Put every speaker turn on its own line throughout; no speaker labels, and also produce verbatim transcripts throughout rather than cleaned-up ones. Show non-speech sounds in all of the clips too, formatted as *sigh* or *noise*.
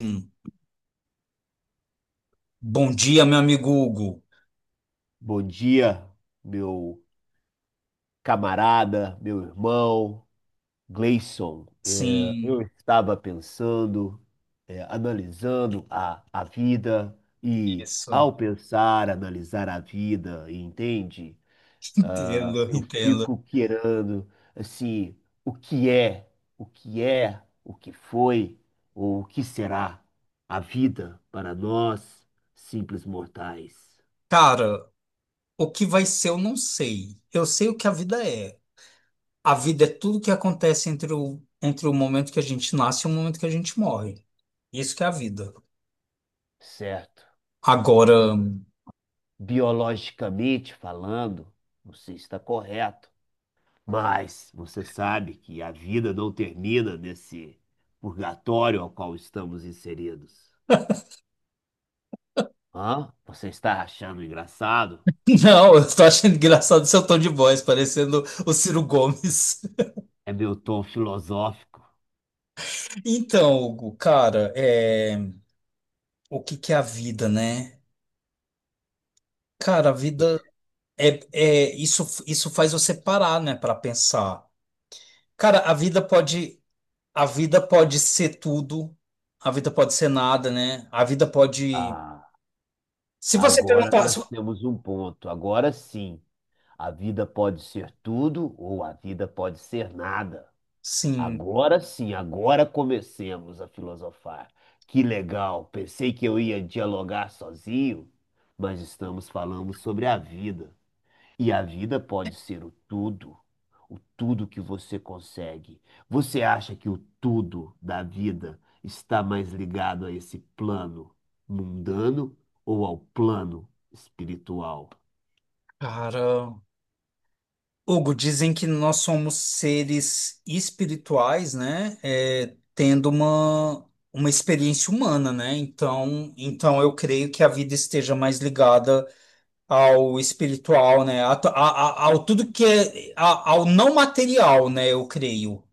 Hum. Bom dia, meu amigo Hugo.
Bom dia, meu camarada, meu irmão Gleison. É, eu
Sim,
estava pensando, é, analisando a, a vida e,
isso.
ao pensar, analisar a vida, entende?
Entendo,
Eu
entendo.
fico querendo, assim, o que é, o que é, o que foi ou o que será a vida para nós, simples mortais,
Cara, o que vai ser eu não sei. Eu sei o que a vida é. A vida é tudo que acontece entre o, entre o momento que a gente nasce e o momento que a gente morre. Isso que é a vida.
certo?
Agora. *laughs*
Biologicamente falando, não sei se está correto, mas você sabe que a vida não termina nesse purgatório ao qual estamos inseridos. Hã? Você está achando engraçado?
Não, eu tô achando engraçado seu tom de voz, parecendo o Ciro Gomes. *laughs*
É meu tom filosófico.
Então, Hugo, cara, é... o que que é a vida, né? Cara, a vida. É, é, isso, isso faz você parar, né, para pensar. Cara, a vida pode, a vida pode ser tudo, a vida pode ser nada, né? A vida pode.
Ah,
Se você
agora
perguntar, se-
nós temos um ponto. Agora sim, a vida pode ser tudo ou a vida pode ser nada.
sim,
Agora sim, agora comecemos a filosofar. Que legal, pensei que eu ia dialogar sozinho, mas estamos falando sobre a vida. E a vida pode ser o tudo, o tudo que você consegue. Você acha que o tudo da vida está mais ligado a esse plano mundano ou ao plano espiritual?
cara. Hugo, dizem que nós somos seres espirituais, né? É, tendo uma, uma experiência humana, né? Então, então eu creio que a vida esteja mais ligada ao espiritual, né? A, to- a- a- ao tudo que é a- ao não material, né? Eu creio.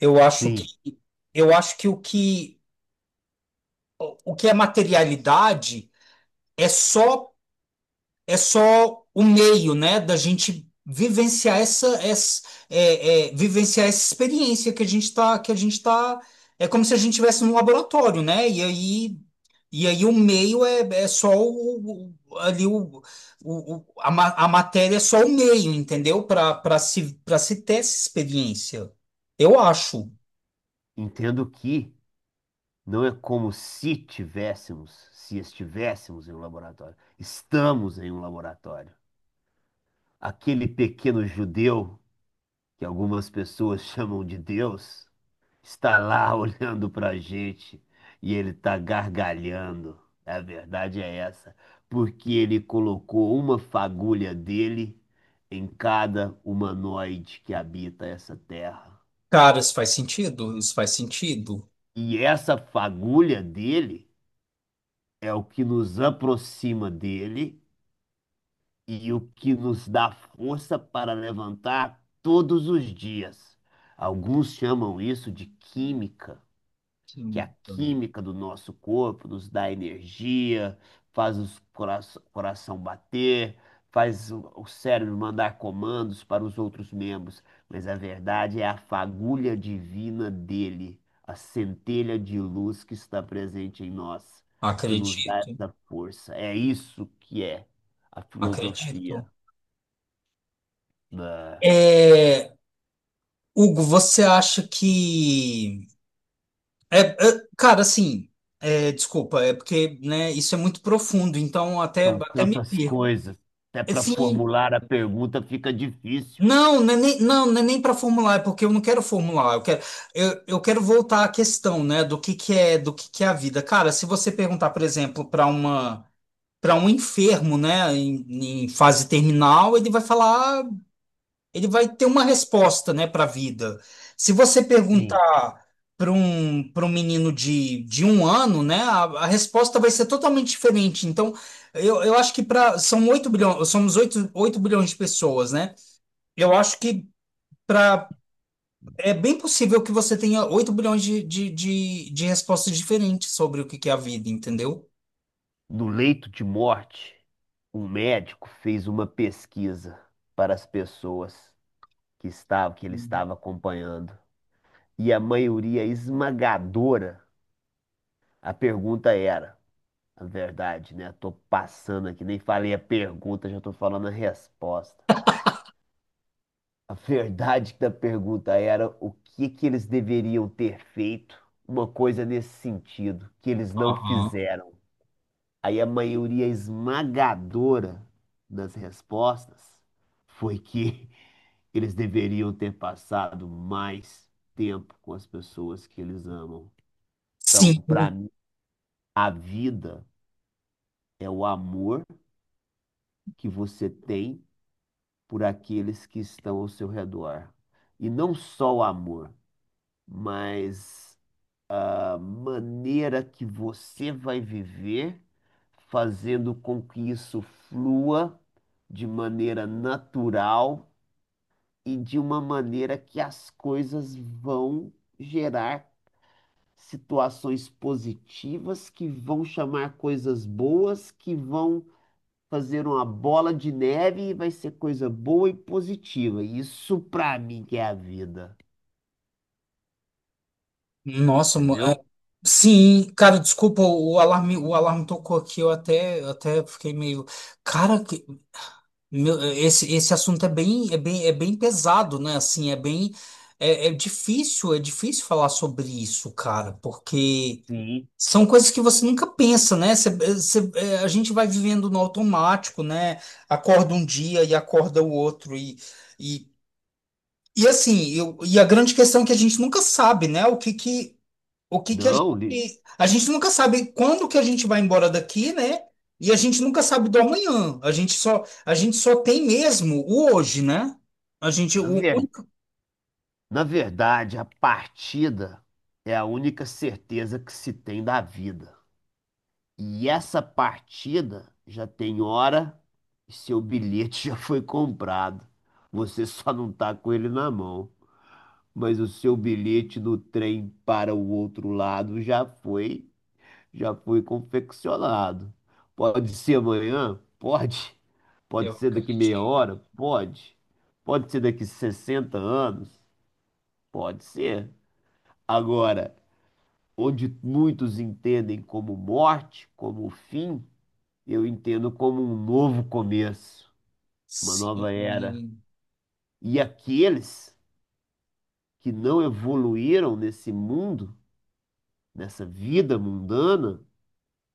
Eu acho que
Sim,
eu acho que o que o que é materialidade é só é só o meio, né, da gente vivenciar essa, essa é, é, vivenciar essa experiência que a gente tá, que a gente tá, é como se a gente estivesse num laboratório, né? E aí, e aí o meio é, é só o, o- ali o, o, o- a, ma- a matéria é só o meio, entendeu? Para para se para se ter essa experiência. Eu acho.
entendo que. Não é como se tivéssemos, se estivéssemos em um laboratório. Estamos em um laboratório. Aquele pequeno judeu, que algumas pessoas chamam de Deus, está lá *laughs* olhando para a gente e ele está gargalhando. A verdade é essa, porque ele colocou uma fagulha dele em cada humanoide que habita essa terra.
Cara, isso faz sentido? Isso faz sentido?
E essa fagulha dele é o que nos aproxima dele e o que nos dá força para levantar todos os dias. Alguns chamam isso de química, que a
Hum.
química do nosso corpo nos dá energia, faz o cora- coração bater, faz o o cérebro mandar comandos para os outros membros, mas a verdade é a fagulha divina dele, a centelha de luz que está presente em nós, que nos dá
Acredito,
essa força. É isso que é a filosofia.
acredito.
Ah,
É, Hugo, você acha que. É, é, cara, assim, é, desculpa, é porque, né, isso é muito profundo, então até,
são
até me
tantas
perco.
coisas. Até para
Assim,
formular a pergunta fica difícil.
não, não é nem, não, não é nem para formular, é porque eu não quero formular, eu quero, eu, eu quero voltar à questão, né, do que que é, do que que é a vida. Cara, se você perguntar, por exemplo, para uma, para um enfermo, né, em, em fase terminal, ele vai falar. Ele vai ter uma resposta, né, para a vida. Se você
Sim.
perguntar para um, para um menino de, de um ano, né, a, a resposta vai ser totalmente diferente. Então, eu, eu acho que para são oito bilhões, somos oito oito bilhões de pessoas, né? Eu acho que para é bem possível que você tenha oito bilhões de, de, de, de respostas diferentes sobre o que que é a vida, entendeu?
No leito de morte, um médico fez uma pesquisa para as pessoas que estavam, que ele estava acompanhando. E a maioria esmagadora, a pergunta era, a verdade, né? Tô passando aqui, nem falei a pergunta, já tô falando a resposta. A verdade da pergunta era o que que eles deveriam ter feito, uma coisa nesse sentido, que eles não fizeram. Aí a maioria esmagadora das respostas foi que *laughs* eles deveriam ter passado mais tempo com as pessoas que eles amam. Então,
Sim.
para mim, a vida é o amor que você tem por aqueles que estão ao seu redor. E não só o amor, mas a maneira que você vai viver, fazendo com que isso flua de maneira natural e de uma maneira que as coisas vão gerar situações positivas, que vão chamar coisas boas, que vão fazer uma bola de neve e vai ser coisa boa e positiva. Isso para mim que é a vida,
Nossa, mo-
entendeu?
Sim, cara, desculpa, o alarme, o alarme tocou aqui, eu até, eu até fiquei meio, cara, que- meu, esse, esse assunto é bem, é bem, é bem pesado, né? Assim, é bem, é, é difícil, é difícil falar sobre isso, cara, porque
Sim.
são coisas que você nunca pensa, né? Você- você- é, a gente vai vivendo no automático, né? Acorda um dia e acorda o outro e, e, e assim, eu, e a grande questão é que a gente nunca sabe, né? O que que o que que a gente,
Não, li-
a gente nunca sabe quando que a gente vai embora daqui, né? E a gente nunca sabe do amanhã. A gente só, a gente só tem mesmo o hoje, né? A gente,
na
o
verdade.
único.
Na verdade, a partida é a única certeza que se tem da vida. E essa partida já tem hora e seu bilhete *laughs* já foi comprado. Você só não tá com ele na mão. Mas o seu bilhete do trem para o outro lado já foi, já foi confeccionado. Pode ser amanhã? Pode. Pode
Eu
ser daqui meia
acreditei.
hora? Pode. Pode ser daqui sessenta anos? Pode ser. Agora, onde muitos entendem como morte, como fim, eu entendo como um novo começo, uma
Sim.
nova era. E aqueles que não evoluíram nesse mundo, nessa vida mundana,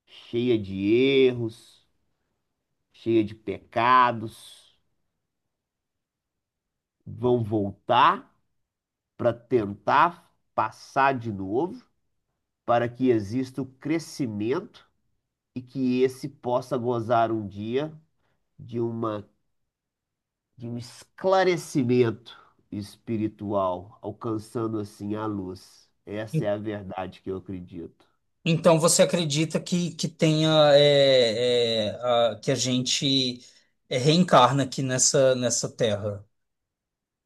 cheia de erros, cheia de pecados, vão voltar para tentar passar de novo, para que exista o crescimento e que esse possa gozar um dia de uma de um esclarecimento espiritual, alcançando assim a luz. Essa é a verdade que eu acredito.
Então você acredita que, que tenha é, é, a- que a gente é, reencarna aqui nessa, nessa terra?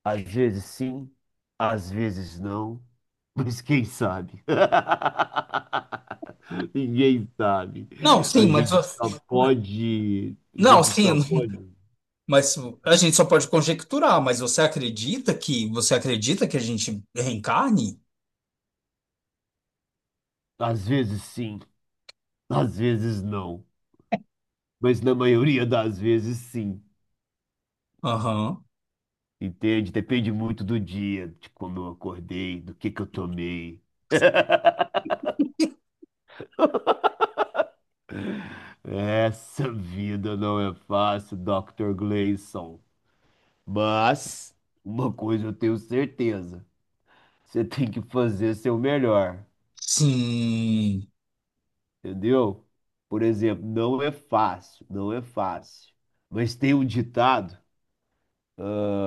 Às vezes sim, às vezes não, *laughs* mas quem sabe? *laughs* Ninguém sabe.
Não, sim,
A
mas
gente só pode, a
não,
gente só
sim,
pode,
mas a gente só pode conjecturar, mas você acredita que você acredita que a gente reencarne?
às vezes sim, às vezes não, mas na maioria das vezes sim.
Aham.
Entende? Depende muito do dia, de como eu acordei, do que que eu tomei. Essa vida não é fácil, doutor Gleison. Mas uma coisa eu tenho certeza: você tem que fazer seu melhor,
Sim.
entendeu? Por exemplo, não é fácil, não é fácil. Mas tem um ditado, ah,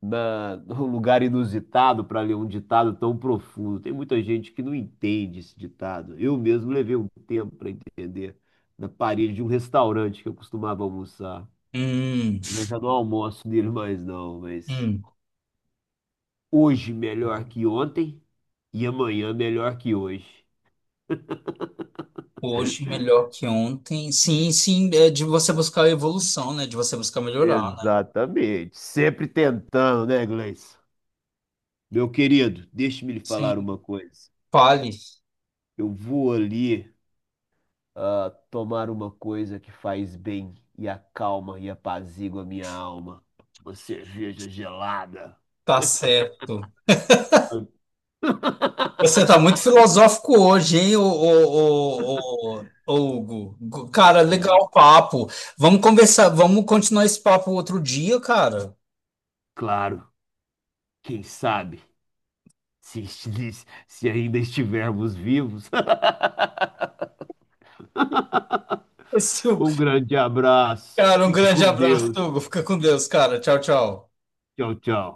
na, num lugar inusitado para ler um ditado tão profundo. Tem muita gente que não entende esse ditado. Eu mesmo levei um tempo para entender, na parede de um restaurante que eu costumava almoçar.
Hum.
Eu já não almoço dele mais não, mas
Hum.
hoje melhor que ontem e amanhã melhor que hoje.
Hoje melhor que ontem. Sim, sim, é de você buscar a evolução, né? De você buscar melhorar, né?
Exatamente. Sempre tentando, né, Gleison? Meu querido, deixe-me lhe falar
Sim.
uma coisa.
Fale,
Eu vou ali ah, tomar uma coisa que faz bem e acalma e apazigua a minha alma. Uma cerveja gelada.
tá certo. Você tá
*laughs*
muito filosófico hoje, hein, ô, ô, ô, ô, ô, Hugo? Gu- Cara, legal
É,
o papo. Vamos conversar, vamos continuar esse papo outro dia, cara.
claro, quem sabe, se, *laughs* esti- se ainda estivermos vivos.
*laughs* Esse
Um grande abraço.
Cara, um
Fique
grande
com
abraço,
Deus.
Hugo. Fica com Deus, cara. Tchau, tchau.
Tchau, tchau.